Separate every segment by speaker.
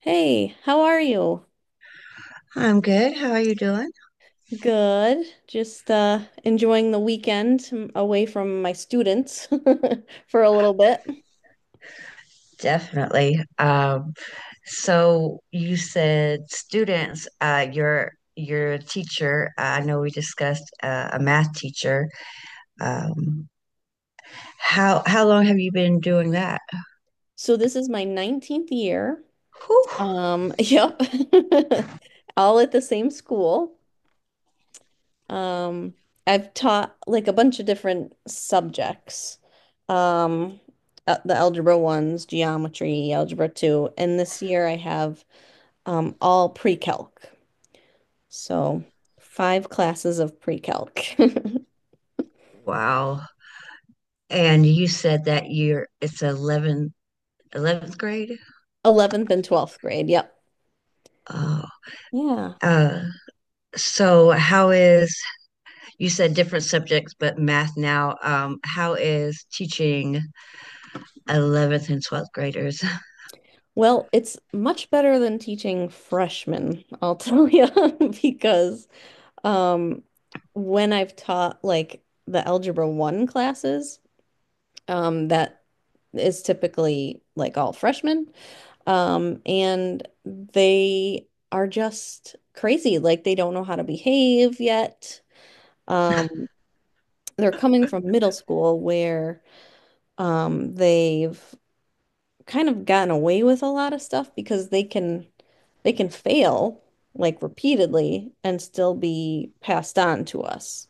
Speaker 1: Hey, how are you?
Speaker 2: I'm good. How are you doing?
Speaker 1: Good. Just enjoying the weekend away from my students for a little bit.
Speaker 2: Definitely. So you said students, your teacher, I know we discussed a math teacher. Um, how long have you been doing that?
Speaker 1: So this is my 19th year.
Speaker 2: Whew.
Speaker 1: Yep. All at the same school. Um, I've taught like a bunch of different subjects. Um, the algebra ones, geometry, algebra two, and this year I have all pre-calc. So five classes of pre-calc.
Speaker 2: Wow. And you said that you're it's 11th grade?
Speaker 1: 11th and 12th grade. Yep.
Speaker 2: Oh.
Speaker 1: Yeah.
Speaker 2: Uh, so how is you said different subjects, but math now. How is teaching 11th and 12th graders?
Speaker 1: Well, it's much better than teaching freshmen, I'll tell you, because um, when I've taught like the Algebra 1 classes, that is typically like all freshmen, and they are just crazy. Like they don't know how to behave yet. Um, they're coming from middle school where they've kind of gotten away with a lot of stuff because they can fail like repeatedly and still be passed on to us.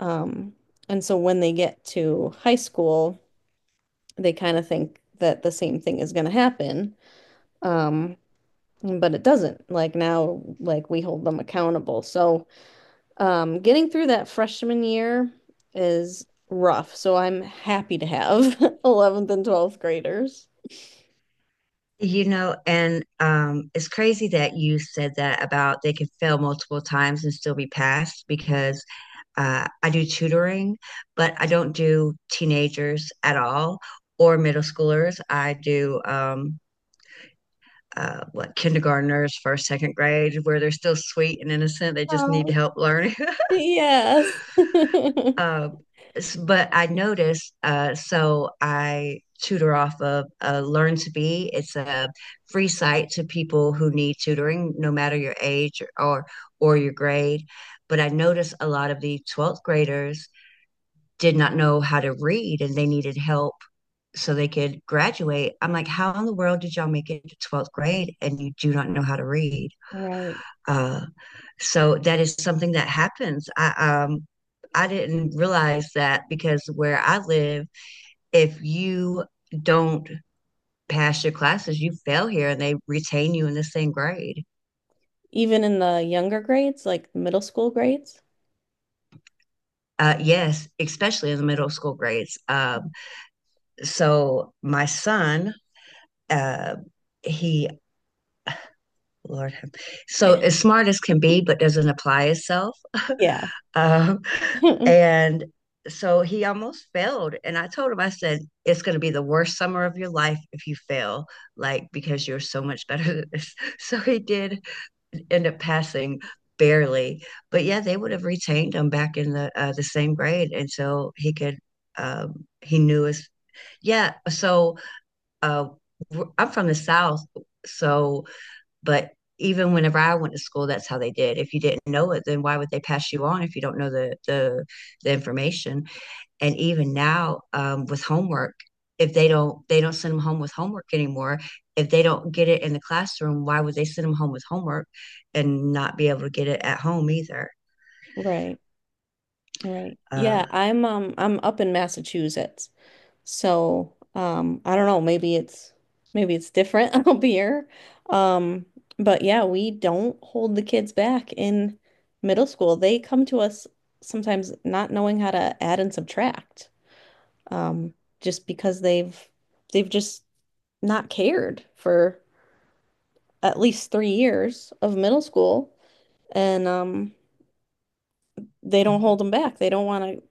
Speaker 1: Um, and so when they get to high school, they kind of think that the same thing is going to happen. Um, but it doesn't. Like now, like we hold them accountable. So getting through that freshman year is rough. So I'm happy to have 11th and 12th graders.
Speaker 2: And it's crazy that you said that about they can fail multiple times and still be passed, because I do tutoring, but I don't do teenagers at all or middle schoolers. I do what kindergartners, first, second grade, where they're still sweet and innocent. They just need
Speaker 1: Oh,
Speaker 2: help learning.
Speaker 1: yes.
Speaker 2: Uh, but I noticed, so I tutor off of Learn to Be. It's a free site to people who need tutoring, no matter your age or your grade. But I noticed a lot of the 12th graders did not know how to read, and they needed help so they could graduate. I'm like, how in the world did y'all make it to 12th grade and you do not know how to read?
Speaker 1: Right.
Speaker 2: Uh, so that is something that happens. Um I didn't realize that, because where I live, if you don't pass your classes, you fail here, and they retain you in the same grade.
Speaker 1: Even in the younger grades, like middle school grades.
Speaker 2: Yes, especially in the middle school grades. So my son, uh, he Lord, have- so as smart as can be, but doesn't apply itself.
Speaker 1: Yeah.
Speaker 2: Uh, And so he almost failed. And I told him, I said, it's going to be the worst summer of your life if you fail, like, because you're so much better than this. So he did end up passing, barely. But yeah, they would have retained him back in the same grade. And so he knew his, yeah. So uh, I'm from the South. So, but even whenever I went to school, that's how they did. If you didn't know it, then why would they pass you on if you don't know the information? And even now, with homework, if they don't they don't send them home with homework anymore. If they don't get it in the classroom, why would they send them home with homework and not be able to get it at home either?
Speaker 1: Right. Right.
Speaker 2: uh,
Speaker 1: Yeah, I'm up in Massachusetts. So, I don't know, maybe it's different up here. Um but yeah, we don't hold the kids back in middle school. They come to us sometimes not knowing how to add and subtract. Um just because they've just not cared for at least 3 years of middle school, and they don't hold them back. They don't want to.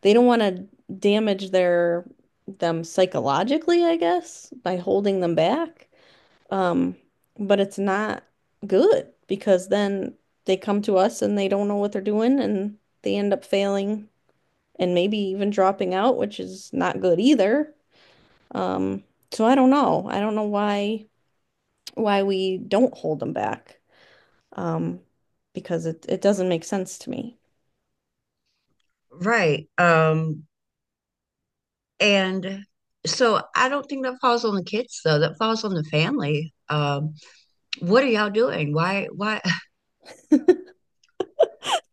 Speaker 1: They don't want to damage their them psychologically, I guess, by holding them back. Um, but it's not good because then they come to us and they don't know what they're doing and they end up failing and maybe even dropping out, which is not good either. Um, so I don't know. I don't know why we don't hold them back. um, because it doesn't make sense to me.
Speaker 2: right. And so I don't think that falls on the kids, though; that falls on the family. What are y'all doing? Why?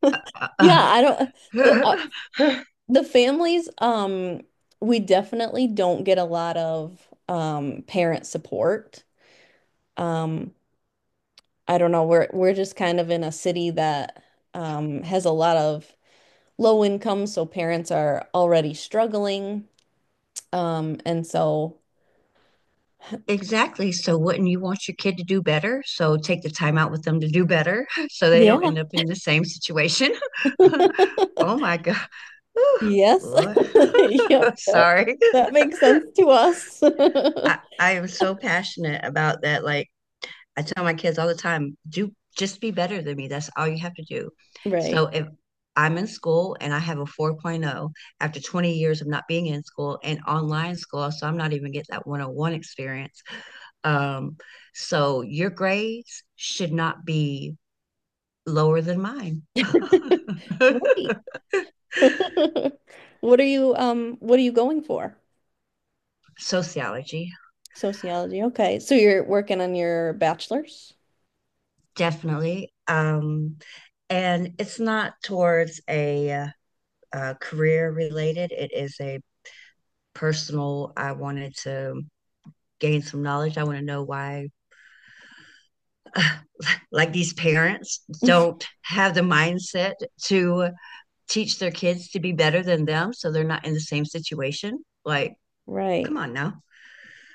Speaker 1: Yeah, I don't the uh, the families we definitely don't get a lot of parent support. Um I don't know, we're just kind of in a city that has a lot of low income, so parents are already struggling. And so
Speaker 2: Exactly. So wouldn't you want your kid to do better? So take the time out with them to do better, so they don't
Speaker 1: yeah,
Speaker 2: end up in the same situation. Oh my God. Whew,
Speaker 1: yes.
Speaker 2: Lord.
Speaker 1: Yep, that
Speaker 2: Sorry.
Speaker 1: that makes sense to us.
Speaker 2: I am so passionate about that. Like, I tell my kids all the time, do just be better than me. That's all you have to do.
Speaker 1: Right.
Speaker 2: So if I'm in school and I have a 4.0 after 20 years of not being in school, and online school, so I'm not even getting that 101 experience. Um, so your grades should not be lower than mine.
Speaker 1: Right. What are you going for?
Speaker 2: Sociology,
Speaker 1: Sociology. Okay. So you're working on your bachelor's?
Speaker 2: definitely. And it's not towards a, career related, it is a personal. I wanted to gain some knowledge. I want to know why, like, these parents don't have the mindset to teach their kids to be better than them, so they're not in the same situation. Like,
Speaker 1: Right.
Speaker 2: come on now.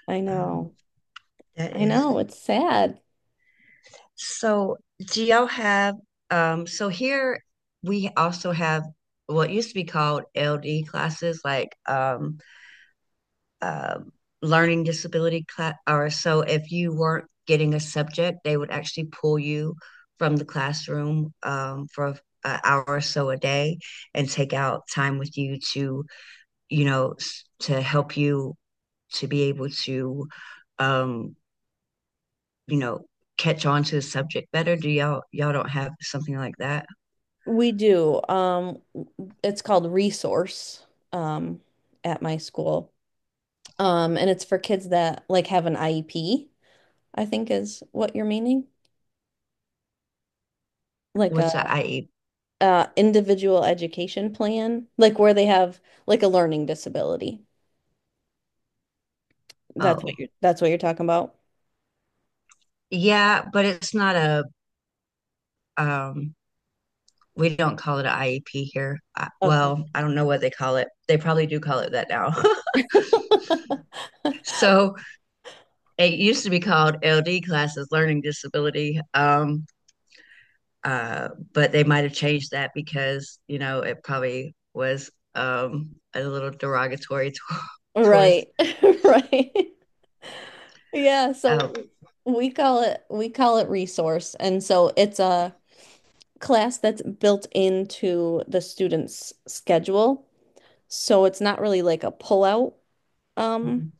Speaker 1: I
Speaker 2: Um,
Speaker 1: know.
Speaker 2: that
Speaker 1: I
Speaker 2: is
Speaker 1: know. It's sad.
Speaker 2: so. Do y'all have, so here we also have what used to be called LD classes, like, um learning disability class. Or so if you weren't getting a subject, they would actually pull you from the classroom, for an hour or so a day, and take out time with you to, you know, to help you to be able to, um, you know, catch on to the subject better? Do y'all don't have something like that?
Speaker 1: We do. It's called Resource um at my school. And it's for kids that like have an IEP, I think is what you're meaning. Like a
Speaker 2: What's the IEP?
Speaker 1: individual education plan, like where they have like a learning disability. That's what
Speaker 2: Oh,
Speaker 1: you're that's what you're talking about.
Speaker 2: yeah, but it's not a, um we don't call it an IEP here. I,
Speaker 1: Okay.
Speaker 2: well, I don't know what they call it. They probably do call it that now. so it used to be called LD classes, learning disability. But they might have changed that, because it probably was, a little derogatory towards.
Speaker 1: Right. Right. Yeah,
Speaker 2: Oh,
Speaker 1: so we call it resource. And so it's a class that's built into the student's schedule. So it's not really like a pullout um
Speaker 2: mm-hmm.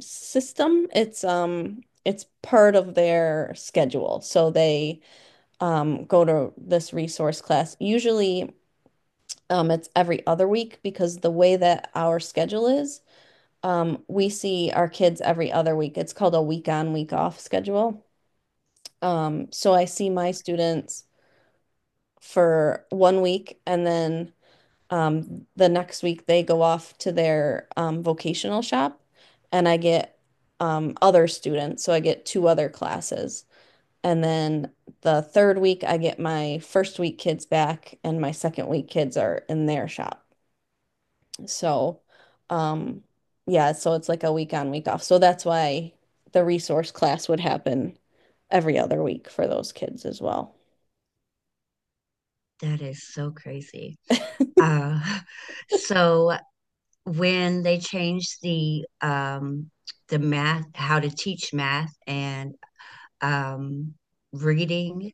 Speaker 1: system. It's part of their schedule. So they go to this resource class. Usually it's every other week because the way that our schedule is. We see our kids every other week. It's called a week on, week off schedule. So I see my students for 1 week and then the next week they go off to their vocational shop and I get other students. So I get two other classes. And then the third week, I get my first week kids back, and my second week kids are in their shop. So, um, yeah, so it's like a week on, week off. So that's why the resource class would happen every other week for those kids as well.
Speaker 2: That is so crazy. Uh, so when they changed the math, how to teach math and, um, reading,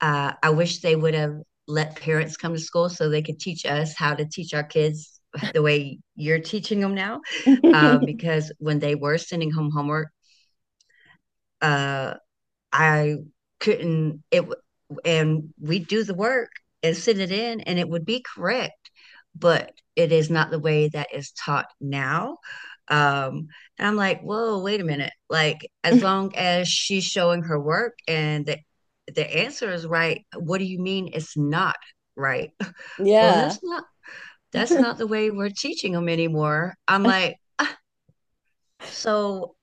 Speaker 2: I wish they would have let parents come to school so they could teach us how to teach our kids the way you're teaching them now. Um, because when they were sending home homework, uh, I couldn't it, and we do the work and send it in, and it would be correct, but it is not the way that is taught now. Um, and I'm like, whoa, wait a minute. Like, as long as she's showing her work and the answer is right, what do you mean it's not right? Well,
Speaker 1: Yeah.
Speaker 2: that's not that's not the way we're teaching them anymore. I'm like, so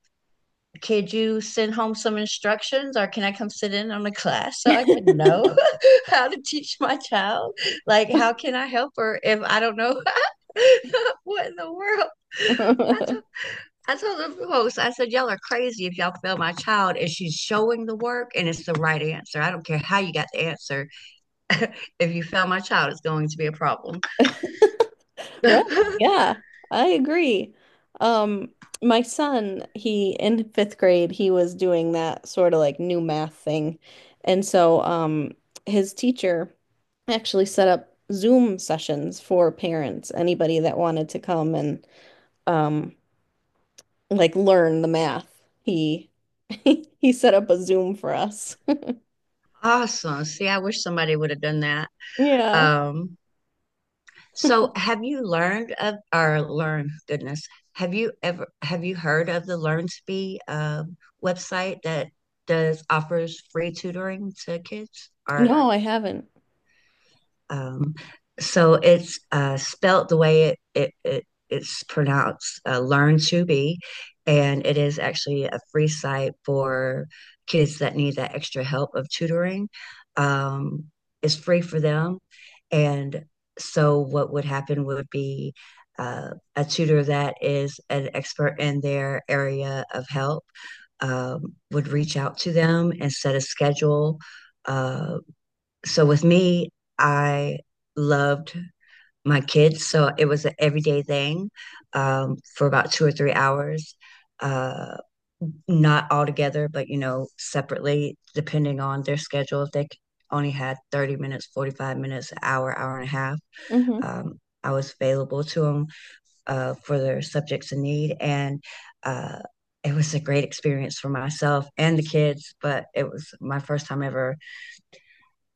Speaker 2: could you send home some instructions, or can I come sit in on the class so I can know how to teach my child? Like, how can I help her if I don't know what in the world? I told, I told the host, I said, y'all are crazy if y'all fail my child and she's showing the work and it's the right answer. I don't care how you got the answer. if you fail my child, it's going to be a problem.
Speaker 1: Right. Yeah, I agree. Um, my son, he in fifth grade, he was doing that sort of like new math thing. And so, his teacher actually set up Zoom sessions for parents, anybody that wanted to come and um like learn the math. He he set up a Zoom for us.
Speaker 2: awesome. See, I wish somebody would have done that.
Speaker 1: Yeah.
Speaker 2: Um, So have you learned of, or learn, goodness? Have you heard of the LearnSpe, website that does offers free tutoring to kids, or,
Speaker 1: No, I haven't.
Speaker 2: um, so it's, spelt the way it's pronounced, Learn to Be, and it is actually a free site for kids that need that extra help of tutoring. Um, it's free for them. And so, what would happen would be, uh, a tutor that is an expert in their area of help, would reach out to them and set a schedule. Uh, so with me, I loved my kids. So it was an everyday thing, for about 2 or 3 hours, uh, not all together, but, separately, depending on their schedule. If they only had 30 minutes, 45 minutes, an hour, hour and a half,
Speaker 1: Hmm.
Speaker 2: um, I was available to them for their subjects in need. And, uh, it was a great experience for myself and the kids, but it was my first time ever,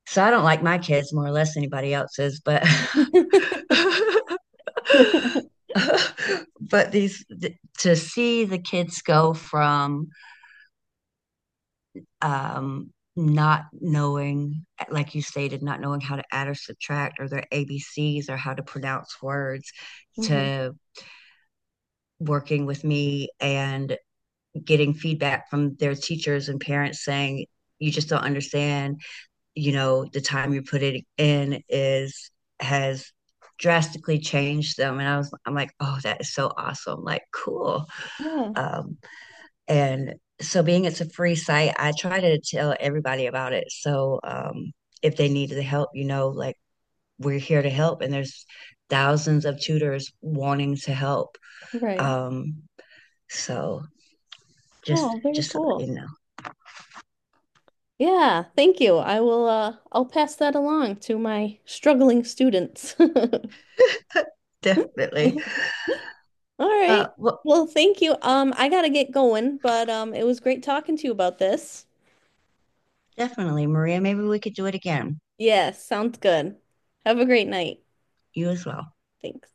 Speaker 2: so I don't like my kids more or less anybody else's, but to see the kids go from, not knowing, like you stated, not knowing how to add or subtract or their ABCs or how to pronounce words,
Speaker 1: Hmm.
Speaker 2: to working with me and getting feedback from their teachers and parents saying, you just don't understand, the time you put it in is has drastically changed them. And I'm like, oh, that is so awesome, like, cool.
Speaker 1: Yeah,
Speaker 2: Um and so, being it's a free site, I try to tell everybody about it. So, if they need the help, like, we're here to help, and there's thousands of tutors wanting to help.
Speaker 1: right.
Speaker 2: Um so just
Speaker 1: Oh, very
Speaker 2: just so you
Speaker 1: cool.
Speaker 2: know.
Speaker 1: Yeah, thank you. I will I'll pass that along to my struggling students.
Speaker 2: definitely.
Speaker 1: All right.
Speaker 2: Well,
Speaker 1: Well, thank you. I gotta get going, but it was great talking to you about this.
Speaker 2: definitely, Maria, maybe we could do it again.
Speaker 1: Yes, sounds good. Have a great night.
Speaker 2: You as well.
Speaker 1: Thanks.